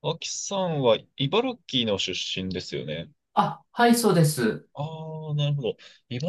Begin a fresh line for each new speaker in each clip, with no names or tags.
脇さんは茨城の出身ですよね。
そうです。
ああ、なるほど。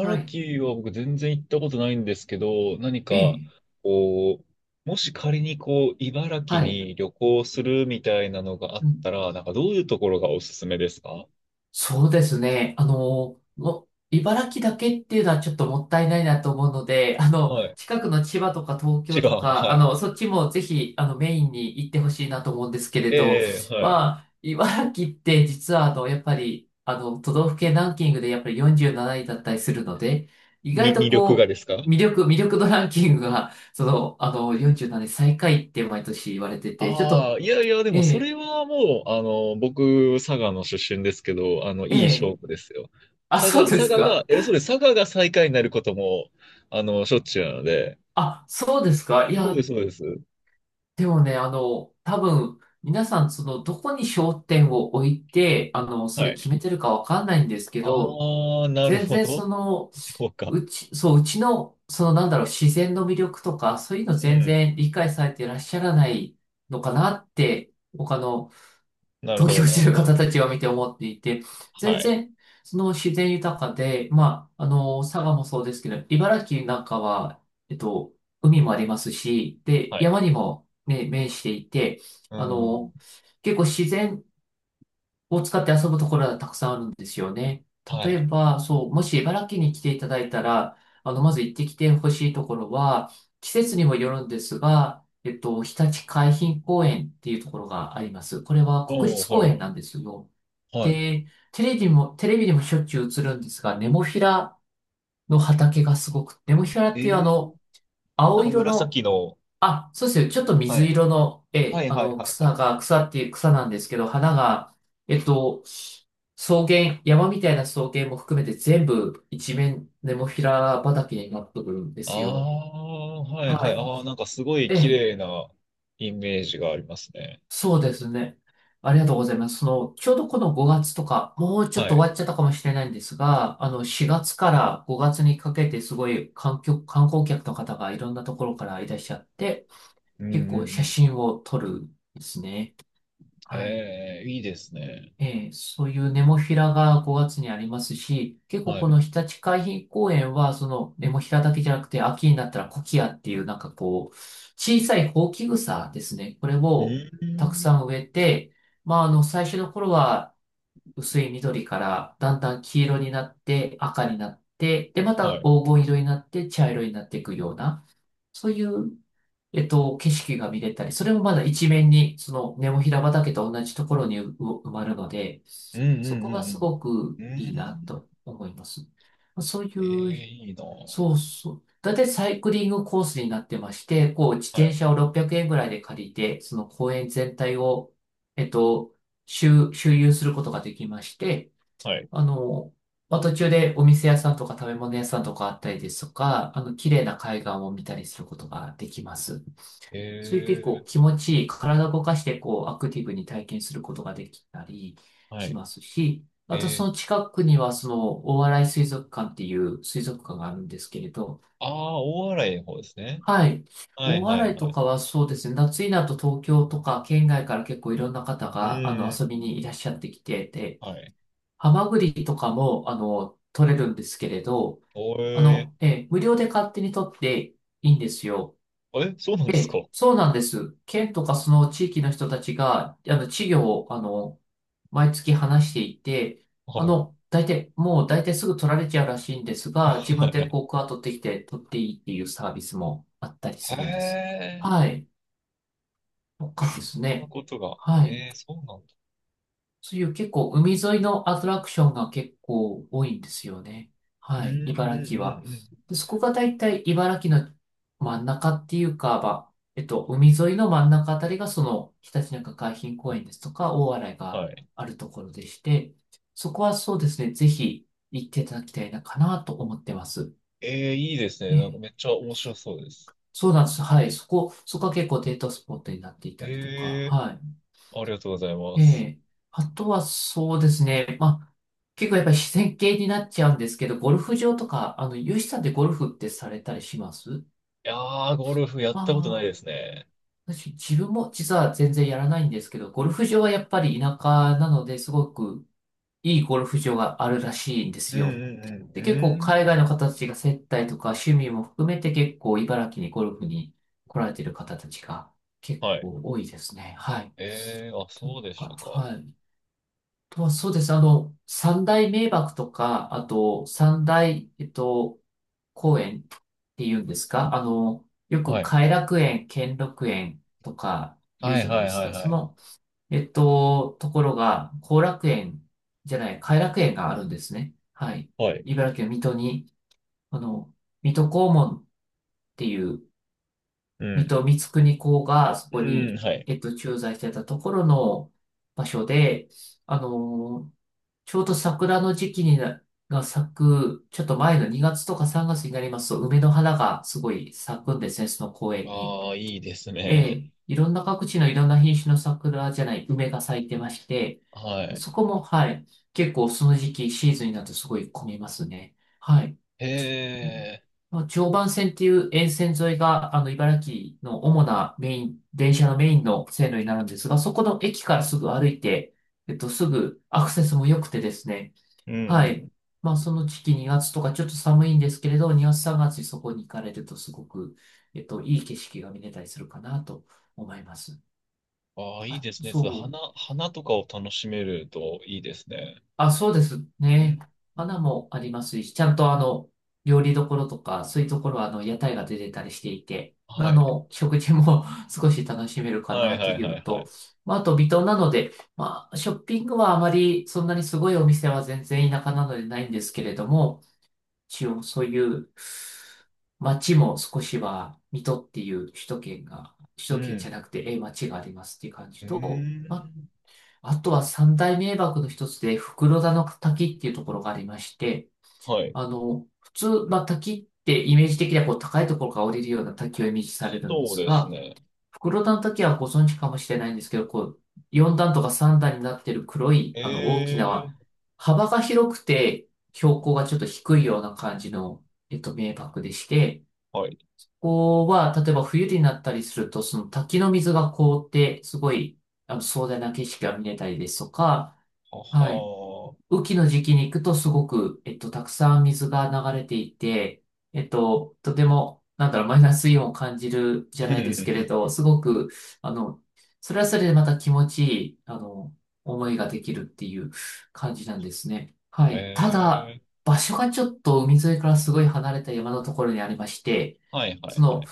はい。
城は僕全然行ったことないんですけど、何
え
か、
え、
こう、もし仮にこう、茨城
はい。
に旅行するみたいなのがあっ
うん、
たら、なんかどういうところがおすすめですか？
そうですね。茨城だけっていうのはちょっともったいないなと思うので、
はい。
近くの千葉とか東
一
京と
番、
か、
はい。
そっちもぜひ、メインに行ってほしいなと思うんですけれど、
ええ、はい。
茨城って実は、やっぱり、都道府県ランキングでやっぱり47位だったりするので、意外
み、
と
魅力がですか？
魅力、魅力度ランキングが、47位最下位って毎年言われてて、ちょっ
あ
と
あ、いやいや、で
え
もそ
え、
れはもう、僕、佐賀の出身ですけど、
え
いい
え。
勝負ですよ。
あ、
佐賀、
そうで
佐
す
賀が、
か
え、そうです、佐賀が最下位になることも、しょっちゅうなので、
あ、そうですかい
そうで
や、
す、そうです。
でもね、多分、皆さん、どこに焦点を置いて、そ
は
れ
い。
決めてるかわかんないんですけど、
ああ、なる
全
ほ
然そ
ど。
の、
そうか。
うち、そう、うちの、自然の魅力とか、そういうの
う
全
ん。
然理解されていらっしゃらないのかなって、
なる
投
ほど、
票
な
し
るほ
てる
ど。
方たちを見て思っていて、全
はい。
然、その自然豊かで、佐賀もそうですけど、茨城なんかは、えっと、海もありますし、で、
はい。
山にもね、面していて、
う
あ
ん。
の、結構自然を使って遊ぶところがたくさんあるんですよね。
は
例え
い。
ば、もし茨城に来ていただいたら、まず行ってきてほしいところは、季節にもよるんですが、日立海浜公園っていうところがあります。これは国
おお、
立
は
公
い、は
園
い。
なんですよ。
はい。
で、テレビにもしょっちゅう映るんですが、ネモフィラの畑がすごく、ネモフィラっ
え
ていう
え、な
青
んか
色の
紫の、
あ、そうですよ。ちょっと
は
水
い。
色の、え
は
え、
い、はい、はい、は
草
い。
が、草っていう草なんですけど、花が、えっと、草原、山みたいな草原も含めて全部一面ネモフィラ畑になってくるんで
あ
すよ。
あ、はい
は
はい。
い。
ああ、なんかすごい
え
綺
え、
麗なイメージがありますね。
そうですね。ありがとうございます。ちょうどこの5月とか、もうちょっ
は
と
い。
終わっちゃったかもしれないんですが、4月から5月にかけてすごい観客、観光客の方がいろんなところからいらっしゃって、
うん
結
うんう
構写
ん。
真を撮るんですね。はい。
ええ、いいですね。
そういうネモフィラが5月にありますし、結構
は
こ
い。
の日立海浜公園は、そのネモフィラだけじゃなくて、秋になったらコキアっていう、小さいホウキグサですね。これ
う
をたく
ん。
さん植えて、最初の頃は薄い緑からだんだん黄色になって赤になって、で、ま
は
た
い。
黄金色になって茶色になっていくような、そういう景色が見れたり、それもまだ一面に、そのネモフィラ畑と同じところにう埋まるので、
うんう
そ
ん
こ
う
がす
ん
ごく
うん。う
いいな
ん。
と思います。そう
え
い
え、
う、
いいな。
そうそう。だいたいサイクリングコースになってまして、こう、自
は
転
い。
車を600円ぐらいで借りて、その公園全体を、えっと、周遊することができまして、
はい。
あの、途中でお店屋さんとか食べ物屋さんとかあったりですとか、綺麗な海岸を見たりすることができます。
え
そういう結構
え、
気持ちいい、体を動かしてこうアクティブに体験することができたり
は
し
い。
ますし、あ
え
とそ
え、
の近くにはその大洗水族館っていう水族館があるんですけれど、
ああ、大洗の方ですね。
はい。
はい
大
はい
洗
は
と
い。
かはそうですね、夏になると東京とか県外から結構いろんな方
うん
が
うんう
遊び
ん。
にいらっしゃってきてて、
はい。
ハマグリとかも取れるんですけれど、
おえ、
無料で勝手に取っていいんですよ。
え、そうなんですか？
そうなんです。県とかその地域の人たちが、稚魚を、毎月話していて、
はい。
大体すぐ取られちゃうらしいんですが、自
は
分で
い。
こう、クワ取ってきて取っていいっていうサービスもあったりす
へ
るんです。は
え、
い。とかで
そん
す
な
ね。
ことが。
はい。
えー、そうなんだ。
そういう結構海沿いのアトラクションが結構多いんですよね。
うん
は
うん
い、
う
茨城は。
ん
で、そこがだいたい茨城の真ん中っていうか、海沿いの真ん中あたりがそのひたちなか海浜公園ですとか大洗
うん。
が
はい。
あるところでして、そこはそうですね、ぜひ行っていただきたいかなと思ってます。
えー、いいですね。なんか
ね、
めっちゃ面白そうです。
そうなんです。はい、そこは結構デートスポットになっていたりとか、
え
はい。
ー、ありがとうございま
え
す。
え。あとはそうですね。結構やっぱり自然系になっちゃうんですけど、ゴルフ場とか、ユシさんでゴルフってされたりします
いやー、ゴルフやったことない
ああ、
ですね。
自分も実は全然やらないんですけど、ゴルフ場はやっぱり田舎なのですごくいいゴルフ場があるらしいんで
う
す
ん
よ。
うんう
で、結構
ん。
海
う
外
ん、
の方たちが接待とか趣味も含めて結構茨城にゴルフに来られてる方たちが結
はい。
構多いですね。はい。
えー、あ、
そ
そ
う
うでした
か、
か。
はい。とはそうです。三大名瀑とか、あと三大、公園っていうんですかあの、よく
はい。
偕楽園、兼六園とか言う
はい
じゃない
はい
です
はい
か。
はい。
ところが、後楽園じゃない、偕楽園があるんですね。はい。
はい。
茨城県水戸に、あの、水戸黄門っていう
う
水
ん。
戸光圀公がそこ
うん、
に、
はい。
駐在してたところの場所で、あの、ちょうど桜の時期にな、が咲く、ちょっと前の2月とか3月になりますと、梅の花がすごい咲くんですね、その公園に。
ああ、いいです
え
ね。
え、いろんな各地のいろんな品種の桜じゃない、梅が咲いてまして、
はい。
そこも、はい、結構その時期、シーズンになるとすごい混みますね。はい。
へえ。
まあ、常磐線っていう沿線沿いが、茨城の主なメイン、電車のメインの線路になるんですが、そこの駅からすぐ歩いて、すぐアクセスも良くてですね。
うんう
はい。
ん。
まあ、その時期2月とかちょっと寒いんですけれど、2月3月にそこに行かれるとすごく、いい景色が見れたりするかなと思います。
ああ、いい
あ、
ですね。
そ
そう
う。
花、花とかを楽しめるといいですね。
あ、そうです
う
ね。
ん。
花もありますし、ちゃんと料理どころとか、そういうところは屋台が出てたりしていて、
はい。
食事も 少し楽しめるか
はい
な
は
と
い
いう
は
の
いは
と、
い。
あと微糖なので、ショッピングはあまりそんなにすごいお店は全然田舎なのでないんですけれども、一応そういう街も少しは、水戸っていう首都圏が、首
う
都圏じ
ん。
ゃなくて、え、街がありますっていう感
う
じ
ー
と、
ん。
あとは三大名瀑の一つで、袋田の滝っていうところがありまして、
はい。
普通、滝ってイメージ的にはこう高いところから降りるような滝をイメージされるんで
そう
す
です
が、
ね。
袋田の滝はご存知かもしれないんですけど、こう、4段とか3段になってる黒い、大き
え
な、
ー。
幅が広くて、標高がちょっと低いような感じの、名瀑でして、
はい。
ここは、例えば冬になったりすると、その滝の水が凍って、すごい、壮大な景色が見れたりですとか、
は
はい。
はー。
雨季の時期に行くとすごく、たくさん水が流れていて、とても、なんだろう、マイナスイオンを感じるじ
う
ゃないですけれ
ん、
ど、すごく、あの、それはそれでまた気持ちいい、思いができるっていう感じなんですね。は
え
い。ただ、
ー。
場所がちょっと海沿いからすごい離れた山のところにありまして、
はいは
そ
いは
の、
い。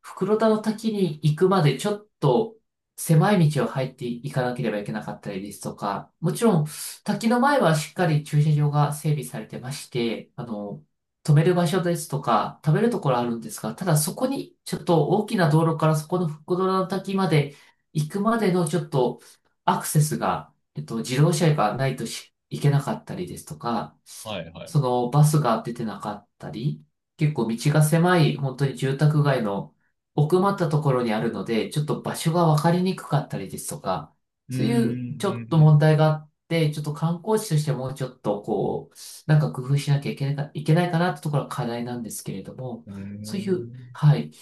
袋田の滝に行くまでちょっと狭い道を入っていかなければいけなかったりですとか、もちろん滝の前はしっかり駐車場が整備されてまして、止める場所ですとか、食べるところあるんですが、ただそこに、ちょっと大きな道路からそこの復ドラの滝まで行くまでのちょっとアクセスが、自動車がないとし行けなかったりですとか、
はいはい。う
そのバスが出てなかったり、結構道が狭い、本当に住宅街の奥まったところにあるので、ちょっと場所が分かりにくかったりですとか、
ー
そういうちょっと
ん。
問題があっで、ちょっと観光地としてもうちょっとこう、なんか工夫しなきゃいけないか、いけないかなってところが課題なんですけれども、
うー
そういう、
ん。
はい、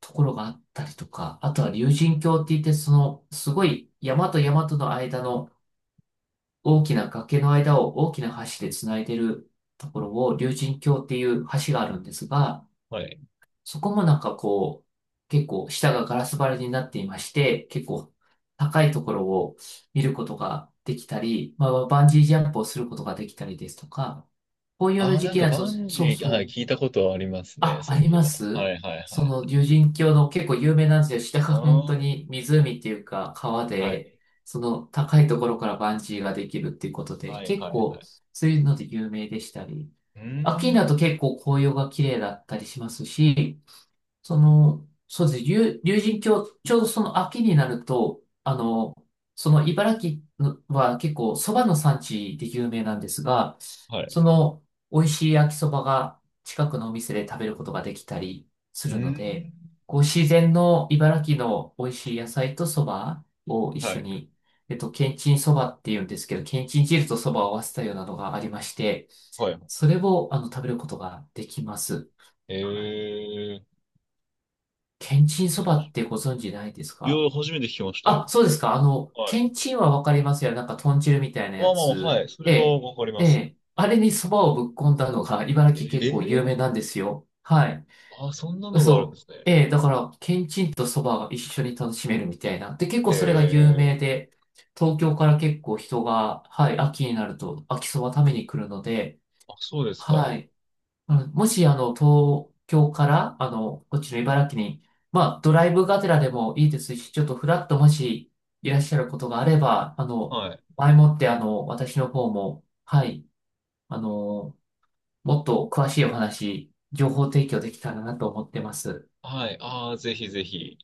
ところがあったりとか、あとは竜神峡って言って、その、すごい山と山との間の大きな崖の間を大きな橋でつないでるところを竜神峡っていう橋があるんですが、
はい。
そこもなんかこう、結構下がガラス張りになっていまして、結構高いところを見ることができたり、バンジージャンプをすることができたりですとか、紅葉の
あー、
時
なん
期
か
だと、
バンジ
そう
ー、は
そ
い、聞
う、
いたことありますね。
あ、あ
そう
り
いえ
ま
ば。は
す
いはいは
そ
い。
の竜神峡の結構有名なんですよ。下
あ
が本当
ー。
に湖っていうか川
は
で、
い。
その高いところからバンジーができるっていうことで、
はい
結
はいは
構
い。
そういうので有名でしたり、
うー
秋になる
ん。
と結構紅葉が綺麗だったりしますし、その、そうですね、竜神峡、ちょうどその秋になると、その茨城のは結構蕎麦の産地で有名なんですが、
はい。
その美味しい焼きそばが近くのお店で食べることができたりす
うー
るので、
ん。
こう自然の茨城の美味しい野菜と蕎麦を一
は
緒
い。
に、けんちん蕎麦って言うんですけど、けんちん汁と蕎麦を合わせたようなのがありまして、
はい。
それを食べることができます。
え
はい。
ー。
天津そばってご存知ないです
いや、
か？
初めて聞きました
あ、
よ。
そうですか。
は
け
い。
んちんはわかりますよ。なんか豚汁みたいな
ま
や
あまあ、
つ。
はい。そ
え
れは
え、
わかり
え
ます。
え。あれにそばをぶっ込んだのが茨城
え
結構有
え、
名なんですよ。はい。
あ、そんなのがあるんで
嘘。
すね。
ええ、だから、けんちんとそばが一緒に楽しめるみたいな。で、結
へ
構それが有名
え。
で、東京から結構人が、はい、秋になると秋そば食べに来るので、
あ、そうですか。
はい、もし、東京から、こっちの茨城に、ドライブがてらでもいいですし、ちょっとフラッともしいらっしゃることがあれば、
はい。
前もって、私の方も、はい、あの、もっと詳しいお話、情報提供できたらなと思ってます。
はい。ああ、ぜひぜひ。